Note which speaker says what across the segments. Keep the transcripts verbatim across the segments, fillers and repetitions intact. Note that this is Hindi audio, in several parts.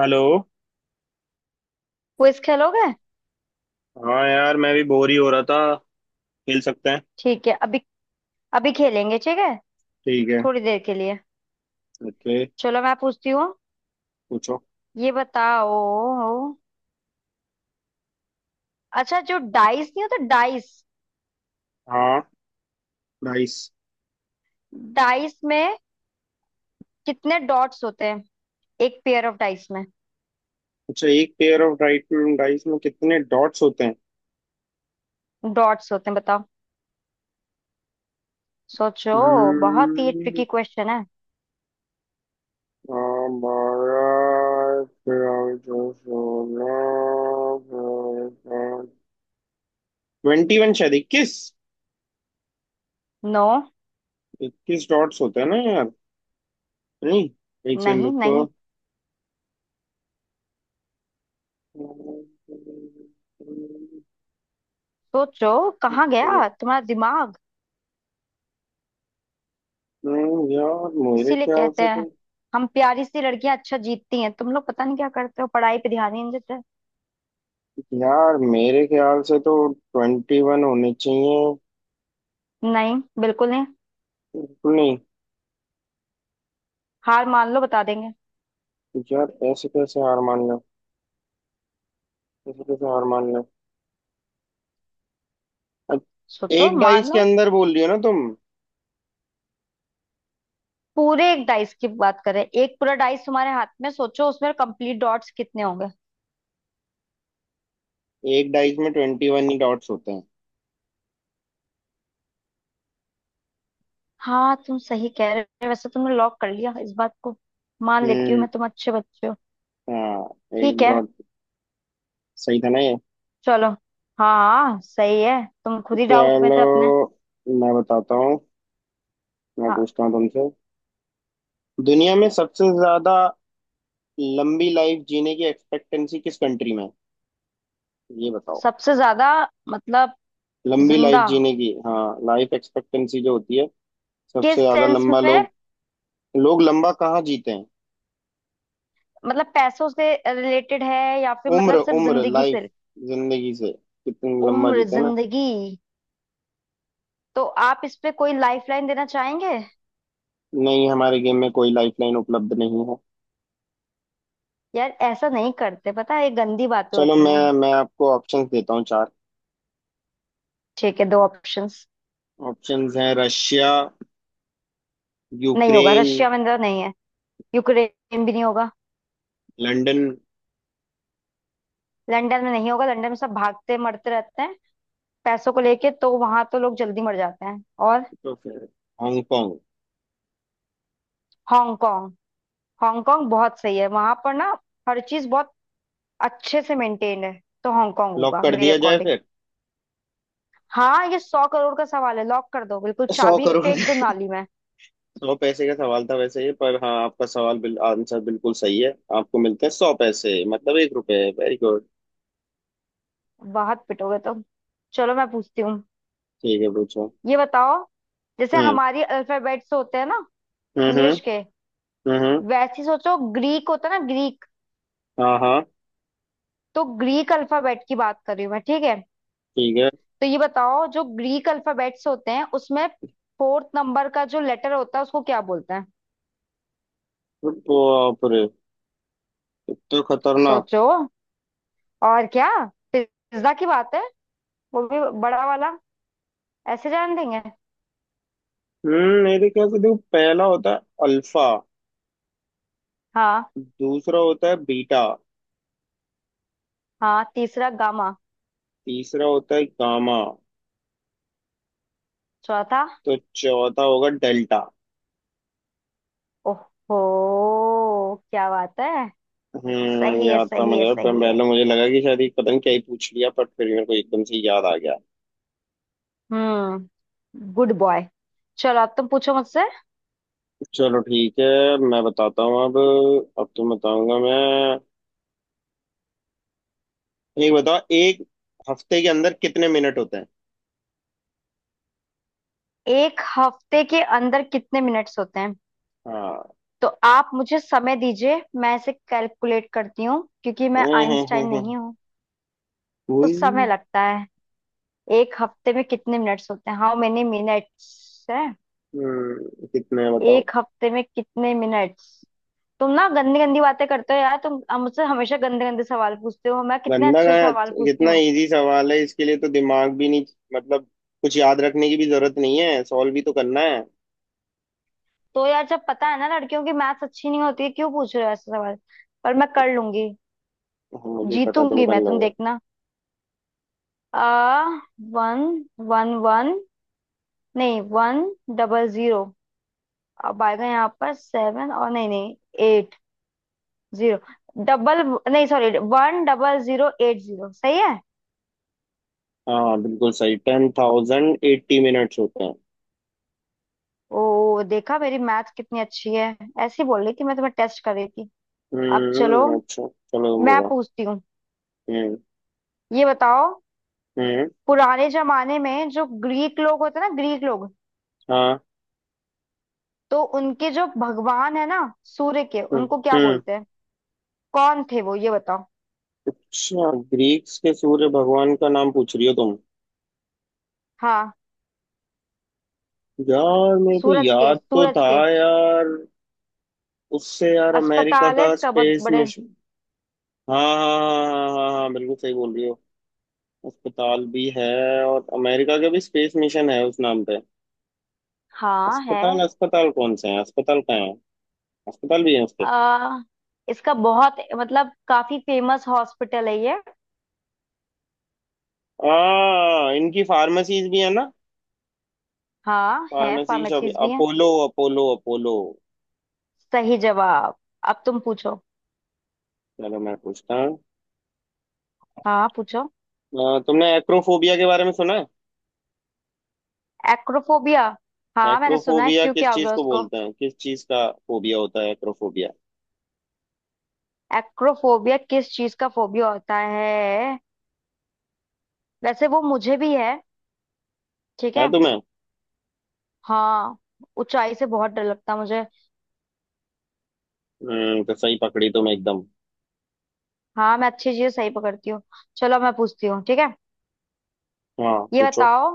Speaker 1: हेलो।
Speaker 2: क्विज खेलोगे।
Speaker 1: हाँ यार, मैं भी बोर ही हो रहा था। खेल सकते हैं।
Speaker 2: ठीक है, अभी अभी खेलेंगे, ठीक है,
Speaker 1: ठीक है।
Speaker 2: थोड़ी देर के लिए।
Speaker 1: ओके।
Speaker 2: चलो, मैं पूछती हूँ,
Speaker 1: पूछो।
Speaker 2: ये बताओ। अच्छा, जो डाइस नहीं होता, डाइस,
Speaker 1: हाँ। डाइस।
Speaker 2: डाइस में कितने डॉट्स होते हैं एक पेयर ऑफ डाइस में?
Speaker 1: अच्छा, एक पेयर ऑफ डाइस में डाइस में कितने डॉट्स होते हैं?
Speaker 2: डॉट्स होते हैं, बताओ। सोचो, बहुत ही
Speaker 1: हम्म,
Speaker 2: ट्रिकी क्वेश्चन है।
Speaker 1: ट्वेंटी वन, शायद इक्कीस।
Speaker 2: नो।
Speaker 1: इक्कीस डॉट्स होते हैं ना यार। नहीं, एक सेकंड
Speaker 2: नहीं
Speaker 1: रुको।
Speaker 2: नहीं, सोचो, कहाँ गया तुम्हारा दिमाग।
Speaker 1: हम्म, यार मेरे
Speaker 2: इसीलिए
Speaker 1: ख्याल
Speaker 2: कहते
Speaker 1: से
Speaker 2: हैं
Speaker 1: तो
Speaker 2: हम प्यारी सी लड़कियां अच्छा जीतती हैं, तुम लोग पता नहीं क्या करते हो, पढ़ाई पे ध्यान ही नहीं देते।
Speaker 1: यार मेरे ख्याल से तो ट्वेंटी वन होने चाहिए।
Speaker 2: नहीं, बिल्कुल नहीं।
Speaker 1: बिल्कुल नहीं।
Speaker 2: हार मान लो, बता देंगे।
Speaker 1: यार ऐसे कैसे हार मान लो। ऐसे कैसे हार मान लो। अब
Speaker 2: सोचो,
Speaker 1: एक
Speaker 2: मान
Speaker 1: डाइस के
Speaker 2: लो,
Speaker 1: अंदर बोल रही हो ना तुम।
Speaker 2: पूरे एक डाइस की बात करें, एक पूरा डाइस तुम्हारे हाथ में, सोचो उसमें कंप्लीट डॉट्स कितने होंगे।
Speaker 1: एक डाइस में ट्वेंटी वन ही डॉट्स होते हैं।
Speaker 2: हाँ, तुम सही कह रहे हो। वैसे तुमने लॉक कर लिया इस बात को, मान लेती हूँ,
Speaker 1: हम्म।
Speaker 2: मैं तुम अच्छे बच्चे हो।
Speaker 1: हाँ, एक
Speaker 2: ठीक है,
Speaker 1: डॉट। सही था ना ये?
Speaker 2: चलो। हाँ। हाँ, सही है, तुम खुद ही डाउट में
Speaker 1: चलो,
Speaker 2: थे अपने।
Speaker 1: मैं बताता हूँ। मैं
Speaker 2: हाँ।
Speaker 1: पूछता हूँ तुमसे। दुनिया में सबसे ज्यादा लंबी लाइफ जीने की एक्सपेक्टेंसी किस कंट्री में है? ये बताओ।
Speaker 2: सबसे ज्यादा मतलब
Speaker 1: लंबी लाइफ
Speaker 2: जिंदा?
Speaker 1: जीने की। हाँ, लाइफ एक्सपेक्टेंसी जो होती है। सबसे
Speaker 2: किस
Speaker 1: ज्यादा
Speaker 2: सेंस
Speaker 1: लंबा
Speaker 2: में,
Speaker 1: लोग। लोग लंबा कहाँ जीते हैं?
Speaker 2: मतलब पैसों से रिलेटेड है या फिर
Speaker 1: उम्र
Speaker 2: मतलब सिर्फ
Speaker 1: उम्र
Speaker 2: जिंदगी
Speaker 1: लाइफ।
Speaker 2: से?
Speaker 1: जिंदगी से। कितनी लंबा
Speaker 2: उम्र,
Speaker 1: जीते हैं ना।
Speaker 2: जिंदगी। तो आप इस पे कोई लाइफ लाइन देना चाहेंगे?
Speaker 1: नहीं, हमारे गेम में कोई लाइफ लाइन उपलब्ध नहीं है।
Speaker 2: यार ऐसा नहीं करते, पता है ये गंदी बातें
Speaker 1: चलो,
Speaker 2: होती
Speaker 1: मैं
Speaker 2: हैं।
Speaker 1: मैं आपको ऑप्शंस देता हूँ चार।
Speaker 2: ठीक है, दो ऑप्शंस।
Speaker 1: ऑप्शंस हैं: रशिया,
Speaker 2: नहीं होगा,
Speaker 1: यूक्रेन,
Speaker 2: रशिया में तो नहीं है, यूक्रेन भी नहीं होगा।
Speaker 1: लंदन।
Speaker 2: लंदन में नहीं होगा, लंदन में सब भागते मरते रहते हैं पैसों को लेके, तो वहां तो लोग जल्दी मर जाते हैं। और?
Speaker 1: तो फिर हांगकांग।
Speaker 2: हांगकांग। हांगकांग बहुत सही है, वहां पर ना हर चीज बहुत अच्छे से मेंटेन है, तो हांगकांग
Speaker 1: लॉक
Speaker 2: होगा
Speaker 1: कर
Speaker 2: मेरे
Speaker 1: दिया जाए
Speaker 2: अकॉर्डिंग।
Speaker 1: फिर।
Speaker 2: हाँ, ये सौ करोड़ का सवाल है, लॉक कर दो बिल्कुल,
Speaker 1: सौ
Speaker 2: चाबी
Speaker 1: करोड़
Speaker 2: फेंक दो नाली में।
Speaker 1: सौ पैसे का सवाल था वैसे ये, पर हाँ, आपका सवाल बिल, आंसर बिल्कुल सही है। आपको मिलते हैं सौ पैसे, मतलब एक रुपए। Very good.
Speaker 2: बहुत पिटोगे तो। चलो, मैं पूछती हूँ,
Speaker 1: ठीक है, पूछो।
Speaker 2: ये बताओ। जैसे
Speaker 1: हम्म
Speaker 2: हमारी अल्फाबेट्स होते हैं ना,
Speaker 1: हम्म हम्म।
Speaker 2: इंग्लिश के,
Speaker 1: हम्म।
Speaker 2: वैसे ही सोचो ग्रीक होता है ना, ग्रीक।
Speaker 1: हाँ। हाँ।
Speaker 2: तो ग्रीक अल्फाबेट की बात कर रही हूँ मैं, ठीक है।
Speaker 1: ठीक है।
Speaker 2: तो ये बताओ, जो ग्रीक अल्फाबेट्स होते हैं उसमें फोर्थ नंबर का जो लेटर होता है उसको क्या बोलते हैं?
Speaker 1: तो बाप रे, इतना खतरनाक।
Speaker 2: सोचो, और क्या, पिज्जा की बात है, वो भी बड़ा वाला, ऐसे जान देंगे।
Speaker 1: हम्म, मेरे ख्याल से देखो, पहला होता है अल्फा।
Speaker 2: हाँ।
Speaker 1: दूसरा होता है बीटा।
Speaker 2: हाँ, तीसरा गामा।
Speaker 1: तीसरा होता है गामा।
Speaker 2: चौथा?
Speaker 1: तो चौथा होगा डेल्टा।
Speaker 2: ओहो, क्या बात है।
Speaker 1: हम्म,
Speaker 2: सही है,
Speaker 1: याद था
Speaker 2: सही है,
Speaker 1: मुझे, पर
Speaker 2: सही है।
Speaker 1: पहले मुझे लगा कि शायद ये पता नहीं क्या ही पूछ लिया, बट फिर मेरे को एकदम से याद आ गया।
Speaker 2: हम्म गुड बॉय। चलो, अब तुम पूछो मुझसे।
Speaker 1: चलो, ठीक है। मैं बताता हूँ अब। अब तुम बताऊंगा मैं। एक बताओ, एक हफ्ते के अंदर कितने मिनट होते हैं?
Speaker 2: एक हफ्ते के अंदर कितने मिनट्स होते हैं?
Speaker 1: हाँ।
Speaker 2: तो आप मुझे समय दीजिए, मैं इसे कैलकुलेट करती हूँ क्योंकि मैं
Speaker 1: हम्म हम्म
Speaker 2: आइंस्टाइन
Speaker 1: हम्म।
Speaker 2: नहीं हूँ। तो समय
Speaker 1: हम्म।
Speaker 2: लगता है। एक हफ्ते में कितने मिनट्स होते हैं, हाउ मेनी मिनट्स है?
Speaker 1: हम्म, कितने हैं बताओ।
Speaker 2: एक हफ्ते में कितने मिनट्स। तुम ना गंदी गंदी बातें करते हो यार, तुम अ, मुझसे हमेशा गंदे गंदे सवाल पूछते हो, मैं कितने
Speaker 1: बंदा कहाँ
Speaker 2: अच्छे
Speaker 1: है?
Speaker 2: सवाल पूछती
Speaker 1: कितना
Speaker 2: हूँ।
Speaker 1: इजी सवाल है, इसके लिए तो दिमाग भी नहीं। मतलब, कुछ याद रखने की भी जरूरत नहीं है, सॉल्व भी तो करना है।
Speaker 2: तो यार, जब पता है ना लड़कियों की मैथ्स अच्छी नहीं होती है, क्यों पूछ रहे हो ऐसे सवाल? पर मैं कर लूंगी,
Speaker 1: हाँ, मुझे पता तुम
Speaker 2: जीतूंगी
Speaker 1: कर
Speaker 2: मैं, तुम
Speaker 1: लोगे।
Speaker 2: देखना। आ वन, वन वन, नहीं वन, डबल जीरो, अब आएगा यहाँ पर सेवन, और नहीं नहीं, एट, जीरो, डबल, नहीं sorry, one double zero eight zero, सही है।
Speaker 1: हाँ, बिल्कुल सही, टेन थाउजेंड एट्टी मिनट्स होते हैं।
Speaker 2: ओ, देखा मेरी मैथ कितनी अच्छी है, ऐसी बोल रही थी, मैं तुम्हें टेस्ट कर रही थी। अब चलो,
Speaker 1: हम्म, अच्छा चलो तुम
Speaker 2: मैं
Speaker 1: बताओ।
Speaker 2: पूछती हूँ,
Speaker 1: हम्म
Speaker 2: ये बताओ।
Speaker 1: हम्म।
Speaker 2: पुराने जमाने में जो ग्रीक लोग होते हैं ना, ग्रीक लोग,
Speaker 1: हाँ।
Speaker 2: तो उनके जो भगवान है ना, सूर्य के,
Speaker 1: हम्म
Speaker 2: उनको क्या
Speaker 1: हम्म।
Speaker 2: बोलते हैं, कौन थे वो, ये बताओ।
Speaker 1: अच्छा, ग्रीक्स के सूर्य भगवान का नाम पूछ रही हो तुम?
Speaker 2: हाँ,
Speaker 1: यार, मेरे को
Speaker 2: सूरज के,
Speaker 1: याद तो
Speaker 2: सूरज
Speaker 1: था
Speaker 2: के।
Speaker 1: यार। उससे यार अमेरिका
Speaker 2: अस्पताल है
Speaker 1: का
Speaker 2: इसका बहुत
Speaker 1: स्पेस
Speaker 2: बड़े।
Speaker 1: मिशन। हाँ हाँ हाँ हाँ हाँ हाँ, बिल्कुल सही बोल रही हो। अस्पताल भी है। और अमेरिका का भी स्पेस मिशन है उस नाम पे।
Speaker 2: हाँ है।
Speaker 1: अस्पताल, अस्पताल कौन से हैं, अस्पताल कहाँ है? अस्पताल भी है उसके।
Speaker 2: आ, इसका बहुत मतलब काफी फेमस हॉस्पिटल है ये।
Speaker 1: आ इनकी फार्मेसीज भी है ना।
Speaker 2: हाँ, है
Speaker 1: फार्मेसी शॉप।
Speaker 2: फार्मेसीज भी हैं।
Speaker 1: Apollo, Apollo, Apollo.
Speaker 2: सही जवाब। अब तुम पूछो।
Speaker 1: चलो, मैं पूछता हूँ।
Speaker 2: हाँ पूछो।
Speaker 1: अ, तुमने एक्रोफोबिया के बारे में सुना
Speaker 2: एक्रोफोबिया?
Speaker 1: है?
Speaker 2: हाँ मैंने सुना है,
Speaker 1: एक्रोफोबिया
Speaker 2: क्यों,
Speaker 1: किस
Speaker 2: क्या हो
Speaker 1: चीज
Speaker 2: गया
Speaker 1: को
Speaker 2: उसको?
Speaker 1: बोलते हैं, किस चीज का फोबिया होता है एक्रोफोबिया?
Speaker 2: एक्रोफोबिया किस चीज का फोबिया होता है? वैसे वो मुझे भी है, ठीक
Speaker 1: है
Speaker 2: है।
Speaker 1: तुम्हें?
Speaker 2: हाँ, ऊंचाई से बहुत डर लगता है मुझे।
Speaker 1: हम्म, तो सही पकड़ी तुम एकदम।
Speaker 2: हाँ, मैं अच्छी चीजें सही पकड़ती हूँ। चलो मैं पूछती हूँ, ठीक है,
Speaker 1: हाँ,
Speaker 2: ये
Speaker 1: पूछो।
Speaker 2: बताओ।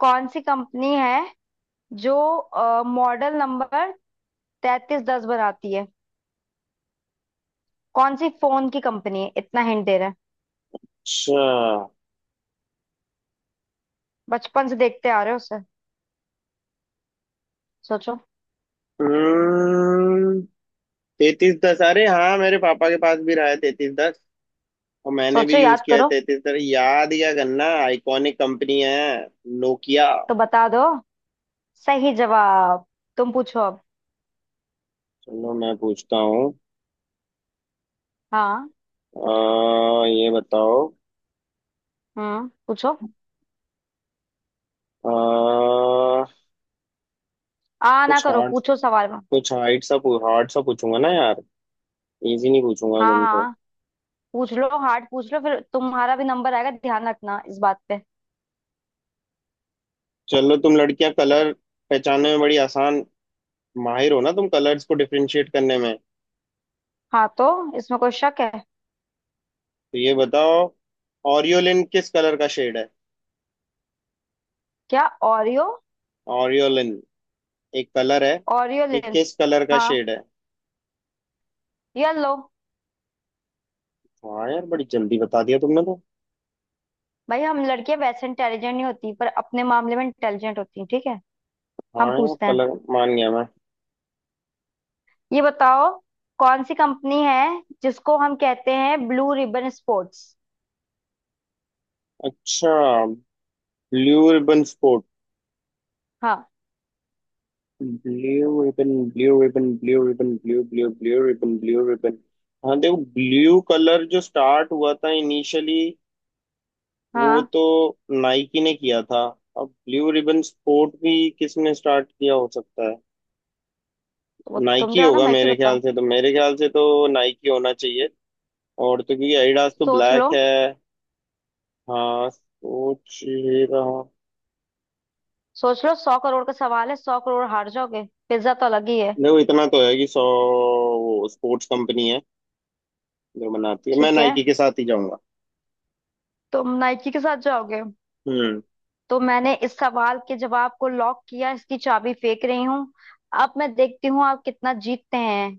Speaker 2: कौन सी कंपनी है जो मॉडल नंबर तैतीस दस बनाती है? कौन सी फोन की कंपनी है, इतना हिंट दे रहे हैं,
Speaker 1: अच्छा।
Speaker 2: बचपन से देखते आ रहे हो उसे, सोचो।
Speaker 1: हम्म, तैतीस दस, अरे हाँ, मेरे पापा के पास भी रहा है तैतीस दस। और मैंने भी
Speaker 2: सोचो,
Speaker 1: यूज
Speaker 2: याद
Speaker 1: किया है
Speaker 2: करो।
Speaker 1: तैतीस दस। याद क्या करना, आइकॉनिक कंपनी है। नोकिया।
Speaker 2: तो बता दो। सही जवाब। तुम पूछो अब।
Speaker 1: चलो, मैं पूछता हूँ।
Speaker 2: हाँ।
Speaker 1: अ, ये बताओ।
Speaker 2: हम्म पूछो।
Speaker 1: अ,
Speaker 2: आ ना
Speaker 1: कुछ
Speaker 2: करो,
Speaker 1: हार्ड,
Speaker 2: पूछो सवाल में।
Speaker 1: कुछ हार्ड सा। हार्ड सा पूछूंगा ना यार। इजी नहीं पूछूंगा
Speaker 2: हाँ
Speaker 1: तुमसे।
Speaker 2: हाँ, पूछ लो, हार्ड पूछ लो, फिर तुम्हारा भी नंबर आएगा, ध्यान रखना इस बात पे।
Speaker 1: चलो, तुम लड़कियां कलर पहचानने में बड़ी आसान, माहिर हो ना तुम कलर्स को डिफरेंशिएट करने में।
Speaker 2: हाँ, तो इसमें कोई शक है?
Speaker 1: तो ये बताओ, ऑरियोलिन किस कलर का शेड है?
Speaker 2: क्या, ओरियो?
Speaker 1: ऑरियोलिन एक कलर है। ये
Speaker 2: ओरियोलिन।
Speaker 1: किस कलर का
Speaker 2: हाँ,
Speaker 1: शेड है?
Speaker 2: ये लो।
Speaker 1: हाँ यार, बड़ी जल्दी बता दिया तुमने तो।
Speaker 2: भाई, हम लड़कियां वैसे इंटेलिजेंट नहीं होती, पर अपने मामले में इंटेलिजेंट होती हैं, ठीक है।
Speaker 1: हाँ
Speaker 2: हम
Speaker 1: यार,
Speaker 2: पूछते हैं,
Speaker 1: कलर। मान गया मैं।
Speaker 2: ये बताओ। कौन सी कंपनी है जिसको हम कहते हैं ब्लू रिबन स्पोर्ट्स?
Speaker 1: अच्छा, ब्लू रिबन स्पोर्ट।
Speaker 2: हाँ।
Speaker 1: Blue ribbon, blue ribbon, blue ribbon, blue, blue, blue ribbon, blue ribbon. हाँ देखो, ब्लू कलर जो स्टार्ट हुआ था इनिशियली, वो
Speaker 2: हाँ।
Speaker 1: तो नाइकी ने किया था। अब ब्लू रिबन स्पोर्ट भी किसने स्टार्ट किया हो सकता है?
Speaker 2: तो वो तुम
Speaker 1: नाइकी
Speaker 2: जानो,
Speaker 1: होगा
Speaker 2: मैं क्यों
Speaker 1: मेरे
Speaker 2: बताऊं।
Speaker 1: ख्याल से तो। मेरे ख्याल से तो नाइकी होना चाहिए। और तो क्योंकि एडिडास तो
Speaker 2: सोच लो,
Speaker 1: ब्लैक है। हाँ, सोच ही रहा हूँ।
Speaker 2: सोच लो, सौ करोड़ का सवाल है, सौ करोड़ हार जाओगे, पिज्जा तो अलग ही है।
Speaker 1: देखो, इतना तो है कि सौ, वो स्पोर्ट्स कंपनी है जो बनाती है, मैं
Speaker 2: ठीक है,
Speaker 1: नाइकी के साथ ही जाऊंगा।
Speaker 2: तुम नाइकी के साथ जाओगे,
Speaker 1: हम्म।
Speaker 2: तो मैंने इस सवाल के जवाब को लॉक किया, इसकी चाबी फेंक रही हूँ। अब मैं देखती हूँ आप कितना जीतते हैं।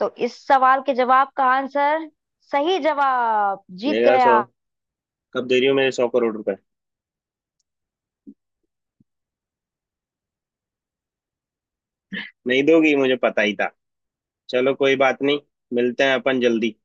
Speaker 2: तो इस सवाल के जवाब का आंसर, सही जवाब, जीत
Speaker 1: देगा सौ।
Speaker 2: गया।
Speaker 1: कब दे रही हो मेरे सौ करोड़ रुपए? नहीं दोगी, मुझे पता ही था। चलो, कोई बात नहीं। मिलते हैं अपन जल्दी।